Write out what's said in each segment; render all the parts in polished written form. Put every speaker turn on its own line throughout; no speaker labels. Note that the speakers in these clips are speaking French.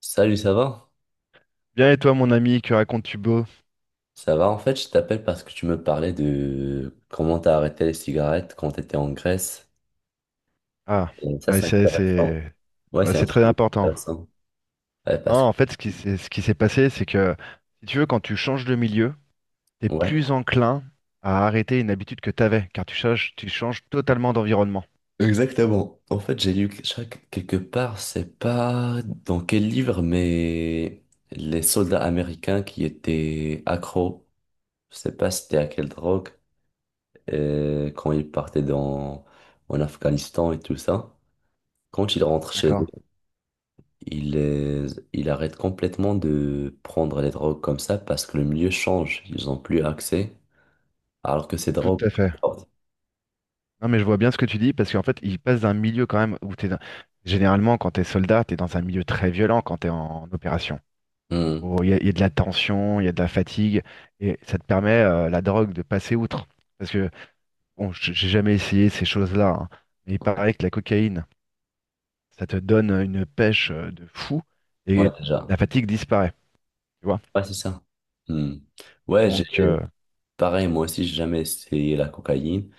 Salut, ça va?
Bien et toi, mon ami, que racontes-tu beau?
Ça va, en fait, je t'appelle parce que tu me parlais de comment t'as arrêté les cigarettes quand t'étais en Grèce.
Ah,
Et ça,
ah,
c'est
c'est
intéressant.
c'est
Ouais,
ouais,
c'est un
c'est très
sujet
important.
intéressant. Ouais,
Non,
parce
en fait, ce qui s'est passé, c'est que si tu veux, quand tu changes de milieu, t'es
Ouais.
plus enclin à arrêter une habitude que t'avais, car tu changes totalement d'environnement.
Exactement. En fait, j'ai lu que quelque part, c'est pas dans quel livre, mais les soldats américains qui étaient accros, je sais pas c'était à quelle drogue, quand ils partaient en Afghanistan et tout ça, quand ils rentrent chez eux,
D'accord.
il, euh, il arrête complètement de prendre les drogues comme ça parce que le milieu change. Ils n'ont plus accès. Alors que ces
Tout
drogues.
à fait. Non, mais je vois bien ce que tu dis parce qu'en fait, il passe d'un milieu quand même où généralement quand t'es soldat, t'es dans un milieu très violent quand t'es en opération.
Hmm.
Oh, Il y a de la tension, il y a de la fatigue et ça te permet la drogue de passer outre. Parce que Bon, j'ai jamais essayé ces choses-là, hein, mais il paraît que la cocaïne, ça te donne une pêche de fou
Ouais,
et
déjà.
la fatigue disparaît, tu vois.
Ouais, c'est ça. Hmm. Ouais, j'ai
Donc,
pareil, moi aussi, j'ai jamais essayé la cocaïne,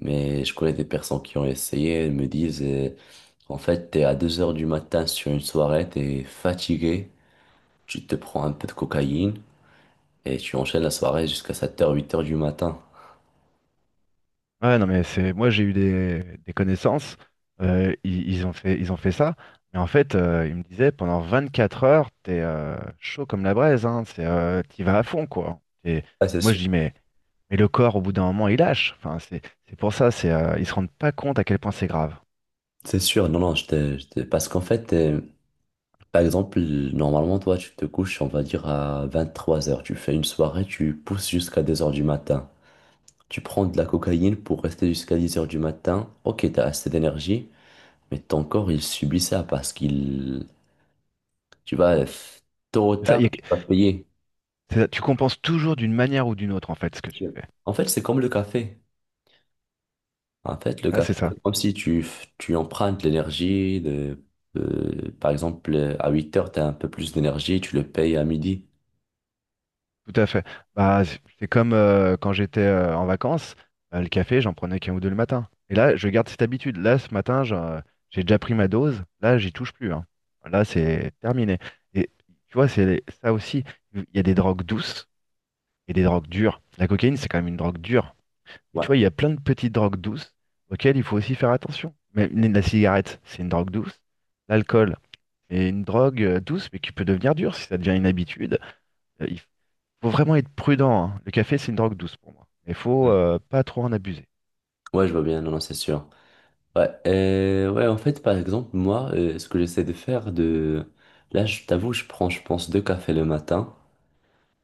mais je connais des personnes qui ont essayé, elles me disent, en fait, t'es à 2 heures du matin sur une soirée, t'es fatigué, tu te prends un peu de cocaïne et tu enchaînes la soirée jusqu'à 7 heures 8 heures du matin.
ouais, non, mais c'est, moi j'ai eu des connaissances, ils ont fait ça, mais en fait, ils me disaient pendant 24 heures, t'es chaud comme la braise, hein, c'est, t'y vas à fond, quoi. Et
Ah, c'est
moi je
sûr.
dis, mais le corps, au bout d'un moment, il lâche. Enfin, c'est pour ça, ils se rendent pas compte à quel point c'est grave.
C'est sûr, non, non, parce qu'en fait, par exemple, normalement, toi, tu te couches, on va dire, à 23 heures. Tu fais une soirée, tu pousses jusqu'à 2 heures du matin. Tu prends de la cocaïne pour rester jusqu'à 10 heures du matin. Ok, t'as assez d'énergie, mais ton corps, il subit ça parce qu'il... Tu vas, f- Tôt ou
C'est Ça, il y
tard,
a,
tu vas payer.
C'est ça, tu compenses toujours d'une manière ou d'une autre, en fait, ce que tu
Tu-
fais.
En fait, c'est comme le café. En fait, le
Ouais,
café,
c'est ça,
c'est comme si tu empruntes l'énergie par exemple, à 8 heures, tu as un peu plus d'énergie, tu le payes à midi.
tout à fait. Bah, c'est comme quand j'étais en vacances, le café, j'en prenais qu'un ou deux le matin. Et là, je garde cette habitude. Là, ce matin, j'ai déjà pris ma dose. Là, j'y touche plus, hein. Là, c'est terminé. Et tu vois, c'est ça aussi. Il y a des drogues douces et des drogues dures. La cocaïne, c'est quand même une drogue dure. Mais
Ouais.
tu vois, il y a plein de petites drogues douces auxquelles il faut aussi faire attention. Mais la cigarette, c'est une drogue douce. L'alcool. Et une drogue douce, mais qui peut devenir dure si ça devient une habitude. Il faut vraiment être prudent, hein. Le café, c'est une drogue douce pour moi. Il faut
Mm.
pas trop en abuser.
Ouais, je vois bien, non, non, c'est sûr. Ouais, en fait, par exemple, moi, ce que j'essaie de faire de... Là, je t'avoue, je prends, je pense, deux cafés le matin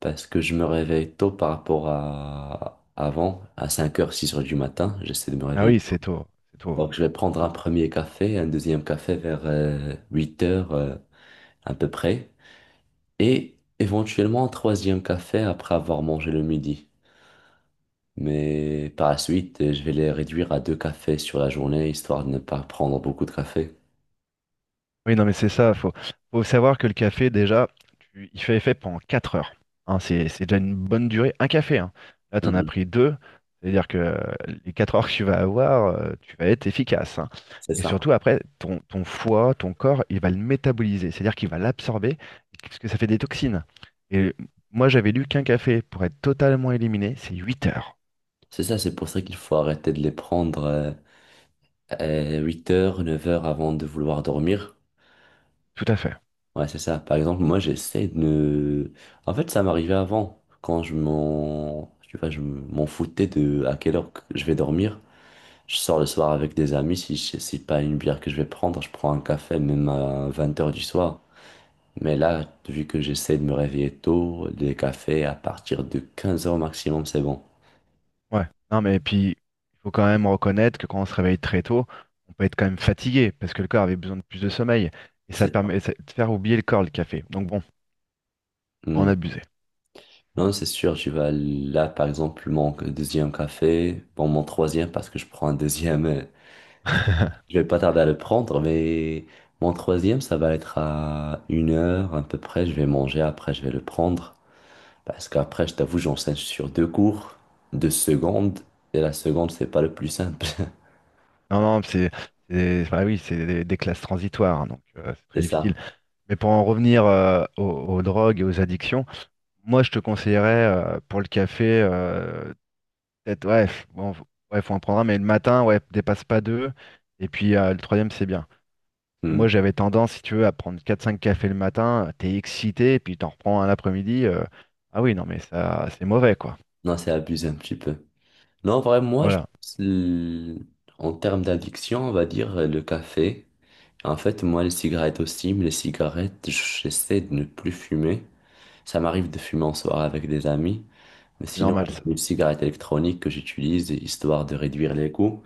parce que je me réveille tôt par rapport à avant, à 5 heures 6 heures du matin. J'essaie de me
Ah
réveiller.
oui, c'est tôt, c'est tôt.
Donc, je vais prendre un
Faut-
premier café, un deuxième café vers 8 h à peu près et éventuellement un troisième café après avoir mangé le midi. Mais par la suite, je vais les réduire à deux cafés sur la journée, histoire de ne pas prendre beaucoup de café.
Oui, non, mais c'est ça. Faut savoir que le café, déjà, il fait effet pendant 4 heures. Hein, c'est déjà une bonne durée. Un café, hein. Là, tu en as
Mhm.
pris deux. C'est-à-dire que les 4 heures que tu vas avoir, tu vas être efficace, hein.
C'est
Et
ça.
surtout, après, ton foie, ton corps, il va le métaboliser. C'est-à-dire qu'il va l'absorber, parce que ça fait des toxines. Et moi, j'avais lu qu'un café, pour être totalement éliminé, c'est 8 heures.
C'est ça, c'est pour ça qu'il faut arrêter de les prendre 8 heures, 9 heures avant de vouloir dormir.
Tout à fait.
Ouais, c'est ça. Par exemple, moi, j'essaie de ne... En fait, ça m'arrivait avant, quand Tu vois, je m'en foutais de à quelle heure que je vais dormir. Je sors le soir avec des amis, si je- c'est pas une bière que je vais prendre, je prends un café même à 20 heures du soir. Mais là, vu que j'essaie de me réveiller tôt, les cafés à partir de 15 heures maximum, c'est bon.
Ouais, non mais puis il faut quand même reconnaître que quand on se réveille très tôt, on peut être quand même fatigué parce que le corps avait besoin de plus de sommeil et ça
C'est ça.
permet de faire oublier le corps le café. Donc bon, on
Hmm.
abusait.
Non, c'est sûr, je vais là, par exemple, mon deuxième café, bon, mon troisième, parce que je prends un deuxième, je vais pas tarder à le prendre, mais mon troisième, ça va être à 1 heure à peu près, je vais manger, après je vais le prendre, parce qu'après, je t'avoue, j'enseigne sur deux cours, deux secondes, et la seconde, c'est pas le plus simple,
Non non, c'est bah oui, c'est des classes transitoires, hein, donc c'est très
c'est
difficile.
ça.
Mais pour en revenir aux drogues et aux addictions, moi je te conseillerais pour le café, peut-être, ouais, ouais, faut en prendre un mais le matin, ouais, dépasse pas deux et puis le troisième c'est bien. Et
Hmm.
moi, j'avais tendance, si tu veux, à prendre quatre cinq cafés le matin, t'es excité, puis t'en reprends un l'après-midi. Ah oui, non, mais ça, c'est mauvais, quoi.
Non, c'est abusé un petit peu. Non, en vrai, moi,
Voilà,
en termes d'addiction, on va dire le café. En fait, moi, les cigarettes aussi, mais les cigarettes, j'essaie de ne plus fumer. Ça m'arrive de fumer en soirée avec des amis. Mais
c'est
sinon,
normal,
j'ai
ça.
une cigarette électronique que j'utilise histoire de réduire les coûts.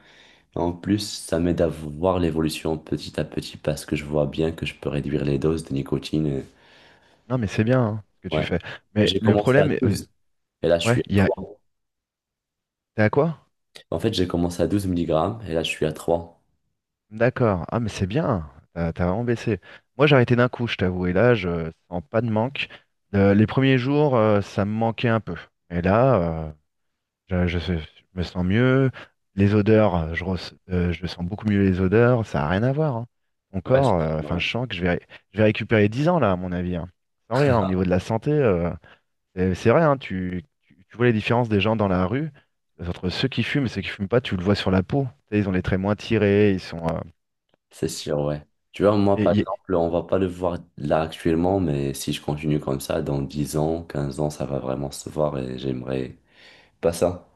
Et en plus, ça m'aide à voir l'évolution petit à petit parce que je vois bien que je peux réduire les doses de nicotine.
Non, mais c'est bien, hein, ce que tu
Ouais.
fais. Mais
J'ai
le
commencé à
problème,
12 et là, je suis
ouais,
à
il y a...
trois.
T'es à quoi?
En fait, j'ai commencé à 12 milligrammes et là, je suis à trois.
D'accord. Ah, mais c'est bien, t'as vraiment baissé. Moi, j'ai arrêté d'un coup, je t'avoue, et là, je sens pas de manque. Les premiers jours, ça me manquait un peu. Et là, je me sens mieux. Les odeurs, je sens beaucoup mieux les odeurs. Ça n'a rien à voir, hein. Mon
Ouais, c'est
corps,
sûr,
enfin,
ouais.
je sens que je vais récupérer 10 ans, là, à mon avis, hein. Sans rien, au niveau de la santé, c'est vrai, hein, tu vois les différences des gens dans la rue. Entre ceux qui fument et ceux qui fument pas, tu le vois sur la peau. Tu sais, ils ont les traits moins tirés, ils sont.
C'est sûr, ouais. Tu vois, moi,
Et
par
il y,
exemple, on va pas le voir là actuellement, mais si je continue comme ça, dans 10 ans, 15 ans, ça va vraiment se voir et j'aimerais pas ça.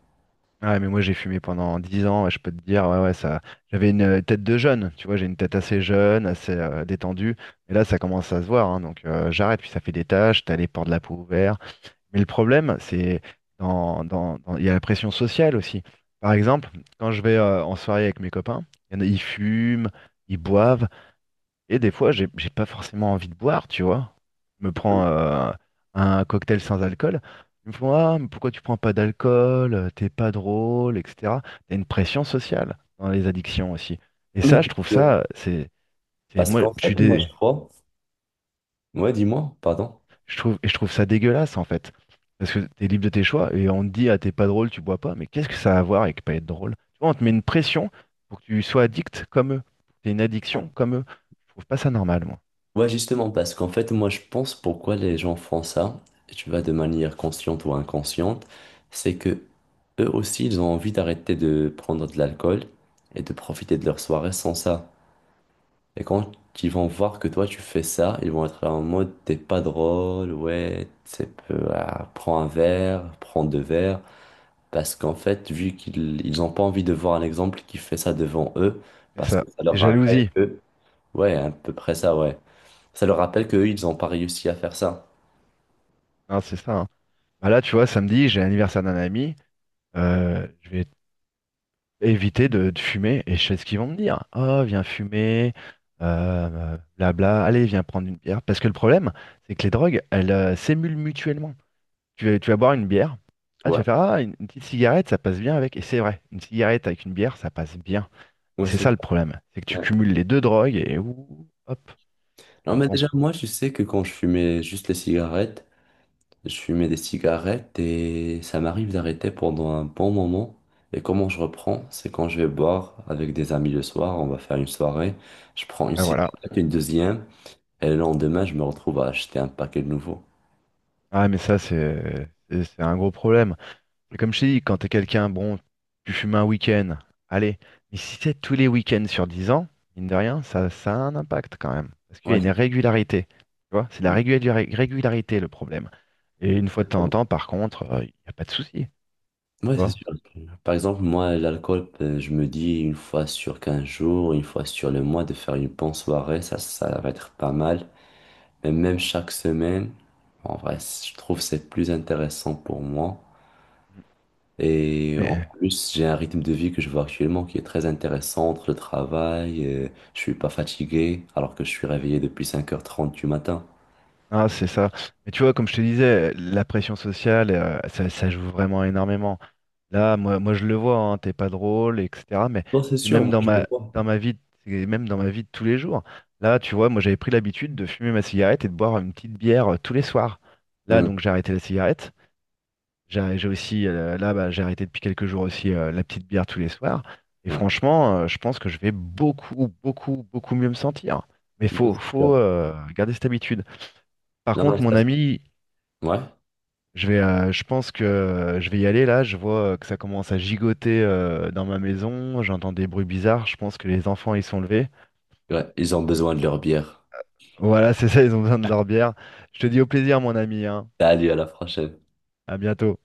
Ouais, mais moi j'ai fumé pendant 10 ans, ouais, je peux te dire, ouais, ouais, ça. J'avais une tête de jeune, tu vois, j'ai une tête assez jeune, assez détendue, et là ça commence à se voir, hein, donc j'arrête, puis ça fait des taches, t'as les pores de la peau ouverts. Mais le problème, c'est il y a la pression sociale aussi. Par exemple, quand je vais en soirée avec mes copains, il y en a- ils fument, ils boivent, et des fois, j'ai pas forcément envie de boire, tu vois. Je me prends un cocktail sans alcool. Ils me font, ah, mais pourquoi tu prends pas d'alcool? T'es pas drôle, etc. T'as une pression sociale dans les addictions aussi. Et ça,
Non,
je trouve ça, c'est-
Parce
moi,
qu'en
je suis
fait, moi,
des,
Ouais, dis-moi, pardon.
je trouve, et je trouve ça dégueulasse en fait. Parce que t'es libre de tes choix et on te dit, ah, t'es pas drôle, tu bois pas. Mais qu'est-ce que ça a à voir avec pas être drôle? Tu vois, on te met une pression pour que tu sois addict comme eux. T'es une
Ah.
addiction comme eux. Je trouve pas ça normal, moi.
Ouais, justement, parce qu'en fait, moi, je pense pourquoi les gens font ça, et tu vois, de manière consciente ou inconsciente, c'est que eux aussi, ils ont envie d'arrêter de prendre de l'alcool et de profiter de leur soirée sans ça. Et quand ils vont voir que toi tu fais ça, ils vont être là en mode t'es pas drôle, ouais, c'est peu, ah, prends un verre, prends deux verres. Parce qu'en fait, vu qu'ils ils ont pas envie de voir un exemple qui fait ça devant eux,
C'est
parce que
ça,
ça
c'est
leur rappelle
jalousie.
que, ouais, à peu près ça, ouais. Ça leur rappelle qu'eux, ils ont pas réussi à faire ça.
Non, c'est ça, hein. Bah là, tu vois, samedi, j'ai l'anniversaire d'un ami. Je vais éviter de fumer. Et je sais ce qu'ils vont me dire. Oh, viens fumer, blabla. Allez, viens prendre une bière. Parce que le problème, c'est que les drogues, elles s'émulent mutuellement. Tu vas boire une bière. Ah, tu
Ouais,
vas faire une petite cigarette, ça passe bien avec. Et c'est vrai, une cigarette avec une bière, ça passe bien. Et
ouais,
c'est
c'est
ça le problème. C'est que tu
ouais.
cumules les deux drogues et ouh, hop.
Non,
Donc
mais
bon,
déjà, moi, je sais que quand je fumais juste les cigarettes, je fumais des cigarettes et ça m'arrive d'arrêter pendant un bon moment. Et comment je reprends? C'est quand je vais boire avec des amis le soir, on va faire une soirée. Je prends une
bah voilà.
cigarette, une deuxième, et le lendemain, je me retrouve à acheter un paquet de nouveau.
Ah, mais ça, c'est un gros problème. C'est comme je t'ai dit, quand t'es quelqu'un, bon, tu fumes un week-end, allez, mais si c'est tous les week-ends sur 10 ans, mine de rien, ça a un impact quand même. Parce qu'il y
Ouais,
a
c'est
une régularité. Tu vois, c'est la
sûr.
régularité le problème. Et une fois de temps en
Pardon.
temps, par contre, il n'y a pas de souci. Tu
Ouais, c'est
vois.
sûr. Par exemple, moi, l'alcool, je me dis une fois sur 15 jours, une fois sur le mois, de faire une bonne soirée, ça va être pas mal. Mais même chaque semaine, en vrai, je trouve que c'est plus intéressant pour moi. Et en
Mais
plus, j'ai un rythme de vie que je vois actuellement qui est très intéressant entre le travail, je suis pas fatigué alors que je suis réveillé depuis 5 h 30 du matin.
c'est ça. Mais tu vois, comme je te disais, la pression sociale, ça, ça joue vraiment énormément. Là, moi je le vois, hein, t'es pas drôle, etc. Mais
Non, c'est
c'est
sûr,
même
moi
dans
je le
ma,
vois.
vie, c'est même dans ma vie de tous les jours. Là, tu vois, moi j'avais pris l'habitude de fumer ma cigarette et de boire une petite bière tous les soirs. Là,
Hmm,
donc j'ai arrêté la cigarette. J'ai aussi, là, bah, j'ai arrêté depuis quelques jours aussi la petite bière tous les soirs. Et
ouais.
franchement, je pense que je vais beaucoup, beaucoup, beaucoup mieux me sentir. Mais
Non,
faut,
c'est sûr.
garder cette habitude. Par
Non, non,
contre, mon
ça-
ami,
Ouais,
je pense que je vais y aller là. Je vois que ça commence à gigoter dans ma maison. J'entends des bruits bizarres. Je pense que les enfants ils sont levés.
ouais, ils ont besoin de leur bière.
Voilà, c'est ça, ils ont besoin de leur bière. Je te dis au plaisir, mon ami, hein.
Salut, à la prochaine.
À bientôt.